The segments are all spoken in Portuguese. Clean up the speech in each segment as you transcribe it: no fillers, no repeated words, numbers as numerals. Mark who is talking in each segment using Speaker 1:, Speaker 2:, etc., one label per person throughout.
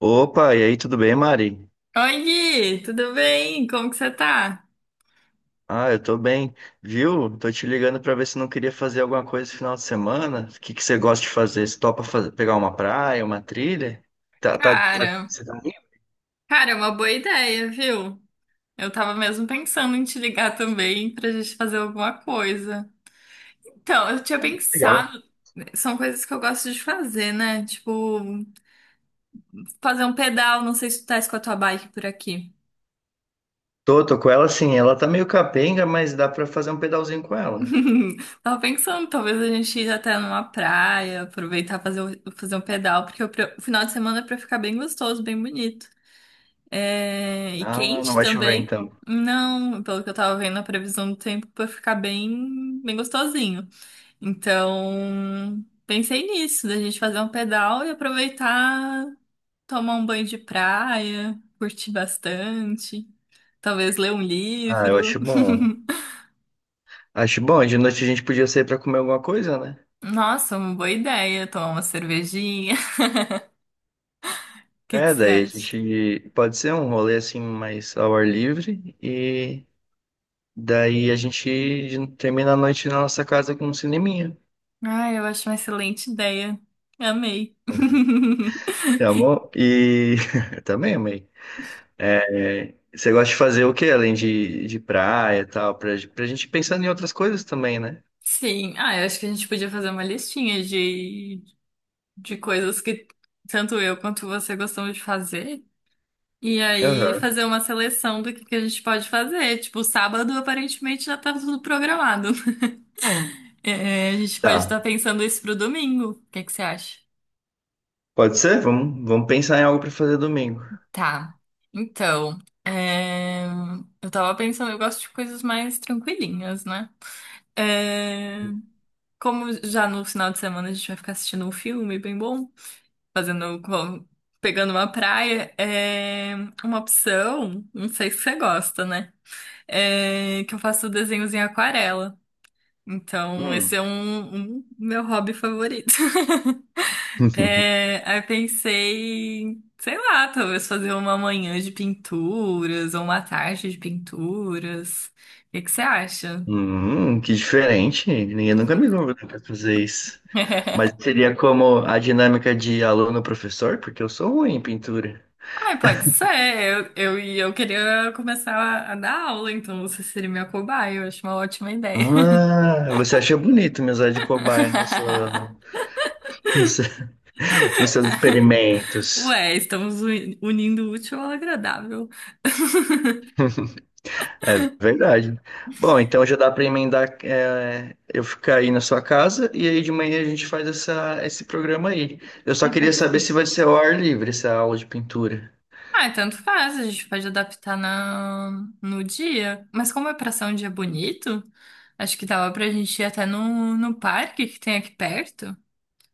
Speaker 1: Opa, e aí, tudo bem, Mari?
Speaker 2: Oi, Gui, tudo bem? Como que você tá?
Speaker 1: Ah, eu tô bem, viu? Tô te ligando pra ver se não queria fazer alguma coisa esse final de semana. O que que você gosta de fazer? Você topa fazer, pegar uma praia, uma trilha?
Speaker 2: Cara,
Speaker 1: Você tá meio
Speaker 2: cara, é uma boa ideia, viu? Eu tava mesmo pensando em te ligar também pra gente fazer alguma coisa. Então, eu tinha
Speaker 1: legal.
Speaker 2: pensado, são coisas que eu gosto de fazer, né? Tipo, fazer um pedal, não sei se tu tá com a tua bike por aqui.
Speaker 1: Tô com ela sim, ela tá meio capenga, mas dá pra fazer um pedalzinho com ela.
Speaker 2: Tava pensando, talvez a gente ir até numa praia, aproveitar fazer, fazer um pedal, porque o final de semana é pra ficar bem gostoso, bem bonito. É, e
Speaker 1: Ah, não
Speaker 2: quente
Speaker 1: vai chover
Speaker 2: também.
Speaker 1: então.
Speaker 2: Não, pelo que eu tava vendo, a previsão do tempo vai ficar bem gostosinho. Então, pensei nisso, da gente fazer um pedal e aproveitar, tomar um banho de praia, curtir bastante, talvez ler um
Speaker 1: Ah, eu
Speaker 2: livro.
Speaker 1: acho bom. Acho bom, de noite a gente podia sair pra comer alguma coisa, né?
Speaker 2: Nossa, uma boa ideia, tomar uma cervejinha. O que que
Speaker 1: É,
Speaker 2: você
Speaker 1: daí a
Speaker 2: acha?
Speaker 1: gente pode ser um rolê assim mais ao ar livre e daí a gente termina a noite na nossa casa com um cineminha.
Speaker 2: Ah, eu acho uma excelente ideia. Amei.
Speaker 1: Você amou? E também amei. É, você gosta de fazer o quê? Além de praia e tal, pra gente pensando em outras coisas também, né?
Speaker 2: Sim, ah, eu acho que a gente podia fazer uma listinha de coisas que tanto eu quanto você gostamos de fazer. E aí
Speaker 1: Aham.
Speaker 2: fazer uma seleção que a gente pode fazer. Tipo, sábado aparentemente já tá tudo programado. É, a gente pode estar
Speaker 1: Tá.
Speaker 2: pensando isso pro domingo. O que que você acha?
Speaker 1: Pode ser? Vamos pensar em algo pra fazer domingo.
Speaker 2: Tá. Então, é, eu tava pensando, eu gosto de coisas mais tranquilinhas, né? É, como já no final de semana a gente vai ficar assistindo um filme bem bom, fazendo, pegando uma praia, é uma opção, não sei se você gosta, né? É que eu faço desenhos em aquarela. Então, esse
Speaker 1: Hum.
Speaker 2: é um meu hobby favorito. É, aí eu pensei, sei lá, talvez fazer uma manhã de pinturas ou uma tarde de pinturas. O que que você acha?
Speaker 1: Que diferente. Ninguém nunca me convidou pra fazer isso. Mas seria como a dinâmica de aluno-professor, porque eu sou ruim em pintura.
Speaker 2: Ai, pode ser. E eu queria começar a dar aula, então você seria minha cobaia. Eu acho uma ótima ideia.
Speaker 1: Ah, você achou bonito me usar de cobaia na sua- no seu- nos seus experimentos.
Speaker 2: Ué, estamos unindo o útil ao agradável.
Speaker 1: É verdade. Bom, então já dá para emendar, é, eu ficar aí na sua casa e aí de manhã a gente faz esse programa aí. Eu só
Speaker 2: Ah,
Speaker 1: queria
Speaker 2: pode
Speaker 1: saber
Speaker 2: ser.
Speaker 1: se vai ser ao ar livre essa aula de pintura.
Speaker 2: Ah, tanto faz, a gente pode adaptar na... no dia. Mas como é pra ser um dia bonito, acho que dava pra gente ir até no parque que tem aqui perto,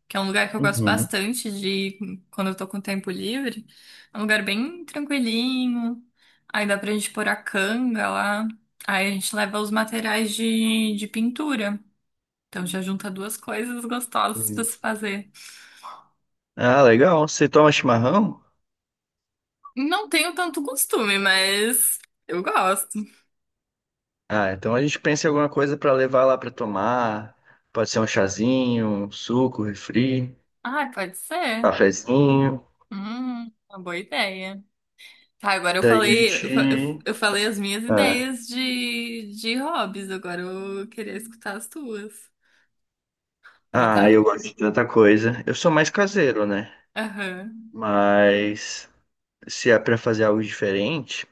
Speaker 2: que é um lugar que eu gosto
Speaker 1: Uhum.
Speaker 2: bastante de ir quando eu tô com tempo livre. É um lugar bem tranquilinho. Aí dá pra gente pôr a canga lá. Aí a gente leva os materiais de pintura. Então já junta duas coisas gostosas pra
Speaker 1: Uhum.
Speaker 2: se fazer.
Speaker 1: Ah, legal. Você toma chimarrão?
Speaker 2: Não tenho tanto costume, mas eu gosto.
Speaker 1: Ah, então a gente pensa em alguma coisa para levar lá para tomar. Pode ser um chazinho, um suco, um refri, um
Speaker 2: Ah, pode ser.
Speaker 1: cafezinho.
Speaker 2: Uma boa ideia. Tá, agora eu
Speaker 1: Daí a
Speaker 2: falei, eu, fa-
Speaker 1: gente
Speaker 2: eu falei as minhas
Speaker 1: ah,
Speaker 2: ideias de hobbies. Agora eu queria escutar as tuas.
Speaker 1: ah,
Speaker 2: Botar.
Speaker 1: eu gosto de tanta coisa. Eu sou mais caseiro, né?
Speaker 2: Aham.
Speaker 1: Mas se é pra fazer algo diferente,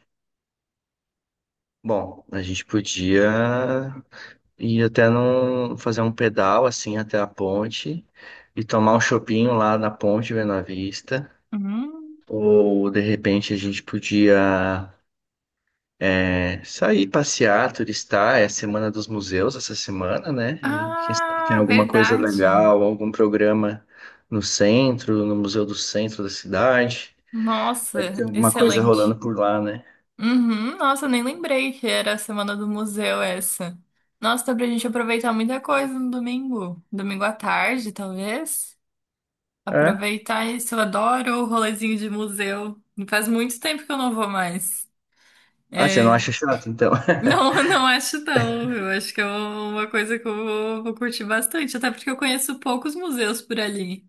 Speaker 1: bom, a gente podia ir fazer um pedal assim até a ponte e tomar um chopinho lá na ponte vendo a vista.
Speaker 2: Hum.
Speaker 1: Ou de repente a gente podia é, sair, passear, turistar, é a Semana dos Museus essa semana, né? E quem sabe tem
Speaker 2: Ah,
Speaker 1: alguma coisa
Speaker 2: verdade.
Speaker 1: legal, algum programa no centro, no Museu do Centro da cidade. Vai que
Speaker 2: Nossa,
Speaker 1: tem alguma coisa rolando
Speaker 2: excelente.
Speaker 1: por lá, né?
Speaker 2: Uhum, nossa, nem lembrei que era a semana do museu essa. Nossa, dá pra gente aproveitar muita coisa no domingo. Domingo à tarde, talvez.
Speaker 1: É?
Speaker 2: Aproveitar isso, eu adoro o rolezinho de museu. Faz muito tempo que eu não vou mais.
Speaker 1: Ah, você não
Speaker 2: É,
Speaker 1: acha chato, então?
Speaker 2: não, não acho não. Eu acho que é uma coisa que vou curtir bastante, até porque eu conheço poucos museus por ali.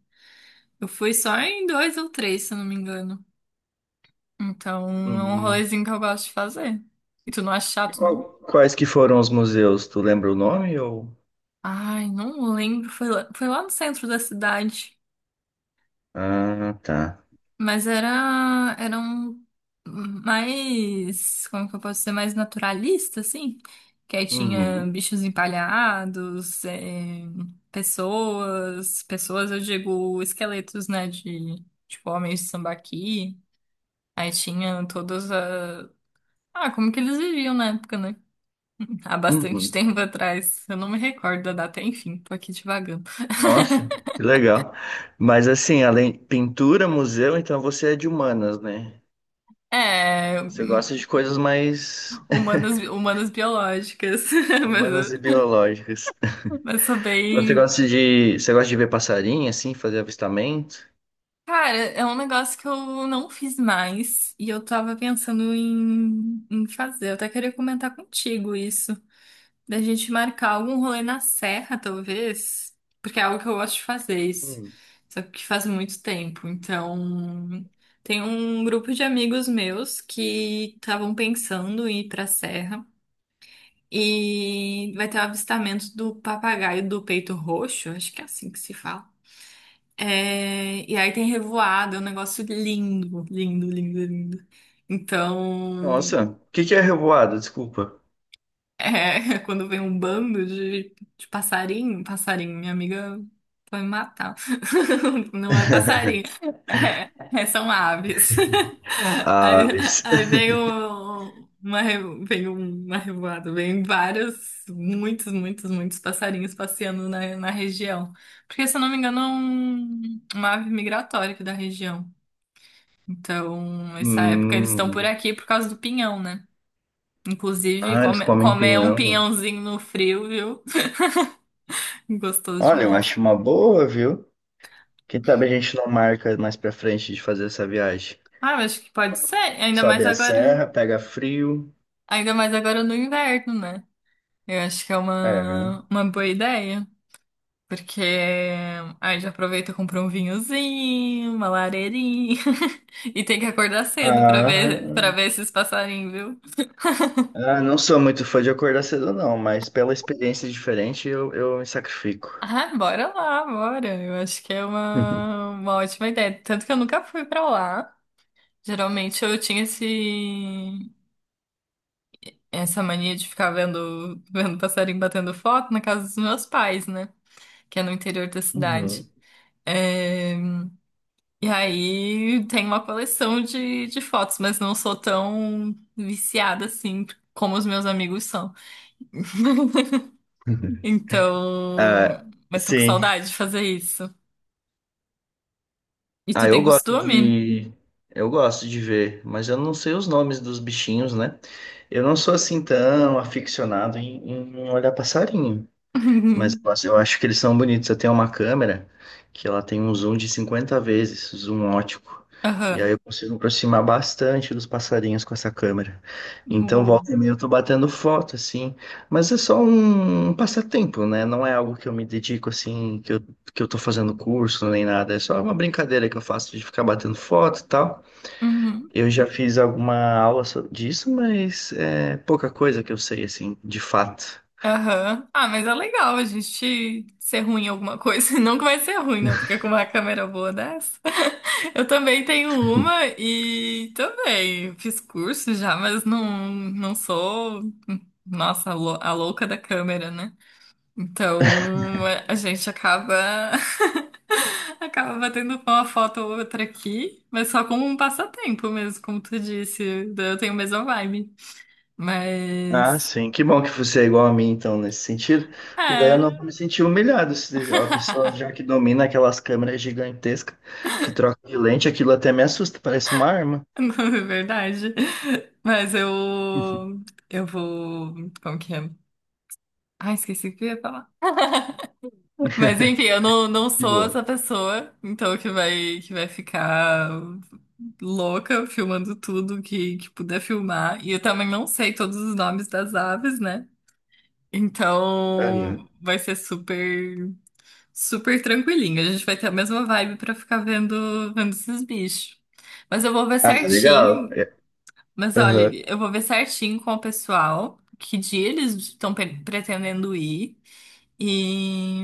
Speaker 2: Eu fui só em dois ou três, se eu não me engano. Então, é um
Speaker 1: Hum.
Speaker 2: rolezinho que eu gosto de fazer. E tu não acha
Speaker 1: E
Speaker 2: chato, não?
Speaker 1: quais que foram os museus? Tu lembra o nome ou...
Speaker 2: Ai, não lembro. Foi lá no centro da cidade.
Speaker 1: Ah, tá.
Speaker 2: Mas era um mais, como que eu posso dizer, mais naturalista, assim. Que aí tinha
Speaker 1: Uhum.
Speaker 2: bichos empalhados, pessoas, eu digo, esqueletos, né, de, tipo, homens de sambaqui. Aí tinha todas a... Ah, como que eles viviam na época, né? Há bastante
Speaker 1: Uhum.
Speaker 2: tempo atrás. Eu não me recordo da data, enfim, tô aqui divagando.
Speaker 1: Nossa, que legal. Mas assim, além pintura, museu, então você é de humanas, né?
Speaker 2: É,
Speaker 1: Você gosta de coisas mais
Speaker 2: humanas, humanas biológicas.
Speaker 1: humanas e
Speaker 2: Mas,
Speaker 1: biológicas.
Speaker 2: mas sou bem.
Speaker 1: Você gosta de ver passarinho, assim, fazer avistamento?
Speaker 2: Cara, é um negócio que eu não fiz mais e eu tava pensando em fazer. Eu até queria comentar contigo isso. Da gente marcar algum rolê na serra, talvez. Porque é algo que eu gosto de fazer isso.
Speaker 1: Hum.
Speaker 2: Só que faz muito tempo. Então, tem um grupo de amigos meus que estavam pensando em ir pra serra. E vai ter o avistamento do papagaio do peito roxo, acho que é assim que se fala. É, e aí tem revoada, é um negócio lindo, lindo, lindo, lindo. Então.
Speaker 1: Nossa, o que que é revoada? Desculpa.
Speaker 2: É, quando vem um bando de passarinho, minha amiga vai me matar. Não é passarinho, é, são aves. Aí,
Speaker 1: Aves.
Speaker 2: aí vem o- uma, re- vem uma revoada, vem vários, muitos, muitos, muitos passarinhos passeando na região. Porque, se eu não me engano, é uma ave migratória aqui da região. Então, essa época eles estão por
Speaker 1: Hum.
Speaker 2: aqui por causa do pinhão, né? Inclusive,
Speaker 1: Ah, eles comem
Speaker 2: comer um
Speaker 1: pinhão.
Speaker 2: pinhãozinho no frio, viu? Gostoso
Speaker 1: Olha, eu
Speaker 2: demais.
Speaker 1: acho uma boa, viu? Quem sabe a gente não marca mais pra frente de fazer essa viagem.
Speaker 2: Ah, eu acho que pode ser.
Speaker 1: Sobe a serra, pega frio.
Speaker 2: Ainda mais agora no inverno, né? Eu acho que é
Speaker 1: É.
Speaker 2: uma boa ideia. Porque aí já aproveita e compra um vinhozinho, uma lareirinha. E tem que acordar cedo
Speaker 1: Ah.
Speaker 2: para ver esses passarinhos, viu?
Speaker 1: Ah, não sou muito fã de acordar cedo, não, mas pela experiência diferente eu me sacrifico.
Speaker 2: Ah, bora lá, bora. Eu acho que é uma ótima ideia. Tanto que eu nunca fui pra lá. Geralmente eu tinha esse, essa mania de ficar vendo passarinho batendo foto na casa dos meus pais, né? Que é no interior da cidade.
Speaker 1: Uhum.
Speaker 2: É, e aí tem uma coleção de fotos, mas não sou tão viciada assim como os meus amigos são. Então,
Speaker 1: Ah,
Speaker 2: mas tô com
Speaker 1: sim.
Speaker 2: saudade de fazer isso. E tu
Speaker 1: Ah, eu
Speaker 2: tem
Speaker 1: gosto
Speaker 2: costume?
Speaker 1: de. Eu gosto de ver, mas eu não sei os nomes dos bichinhos, né? Eu não sou assim tão aficionado em olhar passarinho. Mas eu acho que eles são bonitos. Eu tenho uma câmera que ela tem um zoom de 50 vezes, zoom ótico. E aí
Speaker 2: Aham.
Speaker 1: eu consigo me aproximar bastante dos passarinhos com essa câmera. Então,
Speaker 2: Uou.
Speaker 1: volta e meia eu tô batendo foto, assim. Mas é só um passatempo, né? Não é algo que eu me dedico, assim, que eu tô fazendo curso nem nada. É só uma brincadeira que eu faço de ficar batendo foto e tal.
Speaker 2: Uhum.
Speaker 1: Eu já fiz alguma disso, mas é pouca coisa que eu sei, assim, de fato.
Speaker 2: Aham. Ah, mas é legal a gente ser ruim em alguma coisa. Não que vai ser ruim, né? Porque com uma câmera boa dessa. Eu também tenho uma e também fiz curso já, mas não, não sou, nossa, a a louca da câmera, né? Então é, a gente acaba. Acaba batendo uma foto ou outra aqui, mas só como um passatempo mesmo, como tu disse. Eu tenho a mesma vibe.
Speaker 1: Ah,
Speaker 2: Mas.
Speaker 1: sim. Que bom que você é igual a mim, então, nesse sentido. Porque daí eu não
Speaker 2: É.
Speaker 1: vou me sentir humilhado. Se a pessoa já que domina aquelas câmeras gigantescas que troca de lente, aquilo até me assusta, parece uma arma.
Speaker 2: Não, é verdade. Mas eu. Eu vou. Como que é? Ah, esqueci o que eu ia falar. Mas enfim, eu não, não
Speaker 1: De
Speaker 2: sou
Speaker 1: boa.
Speaker 2: essa pessoa, então que vai ficar louca filmando tudo que puder filmar. E eu também não sei todos os nomes das aves, né?
Speaker 1: Aham.
Speaker 2: Então vai ser super, super tranquilinho. A gente vai ter a mesma vibe pra ficar vendo esses bichos. Mas eu vou ver
Speaker 1: Ah, legal.
Speaker 2: certinho.
Speaker 1: É,
Speaker 2: Mas olha,
Speaker 1: aham.
Speaker 2: eu vou ver certinho com o pessoal que dia eles estão pretendendo ir e,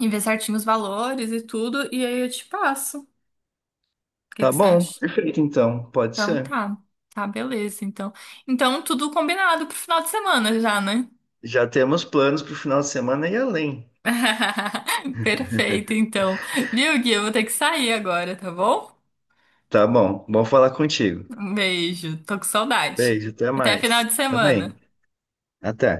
Speaker 2: e ver certinho os valores e tudo, e aí eu te passo. O que
Speaker 1: Tá
Speaker 2: que você
Speaker 1: bom,
Speaker 2: acha?
Speaker 1: perfeito então, pode
Speaker 2: Então
Speaker 1: ser.
Speaker 2: tá, beleza. Então, então tudo combinado pro final de semana já, né?
Speaker 1: Já temos planos para o final de semana e além.
Speaker 2: Perfeito, então. Viu, Gui? Eu vou ter que sair agora, tá bom?
Speaker 1: Tá bom, bom falar contigo.
Speaker 2: Um beijo, tô com saudade.
Speaker 1: Beijo, até
Speaker 2: Até final
Speaker 1: mais.
Speaker 2: de
Speaker 1: Também.
Speaker 2: semana.
Speaker 1: Até.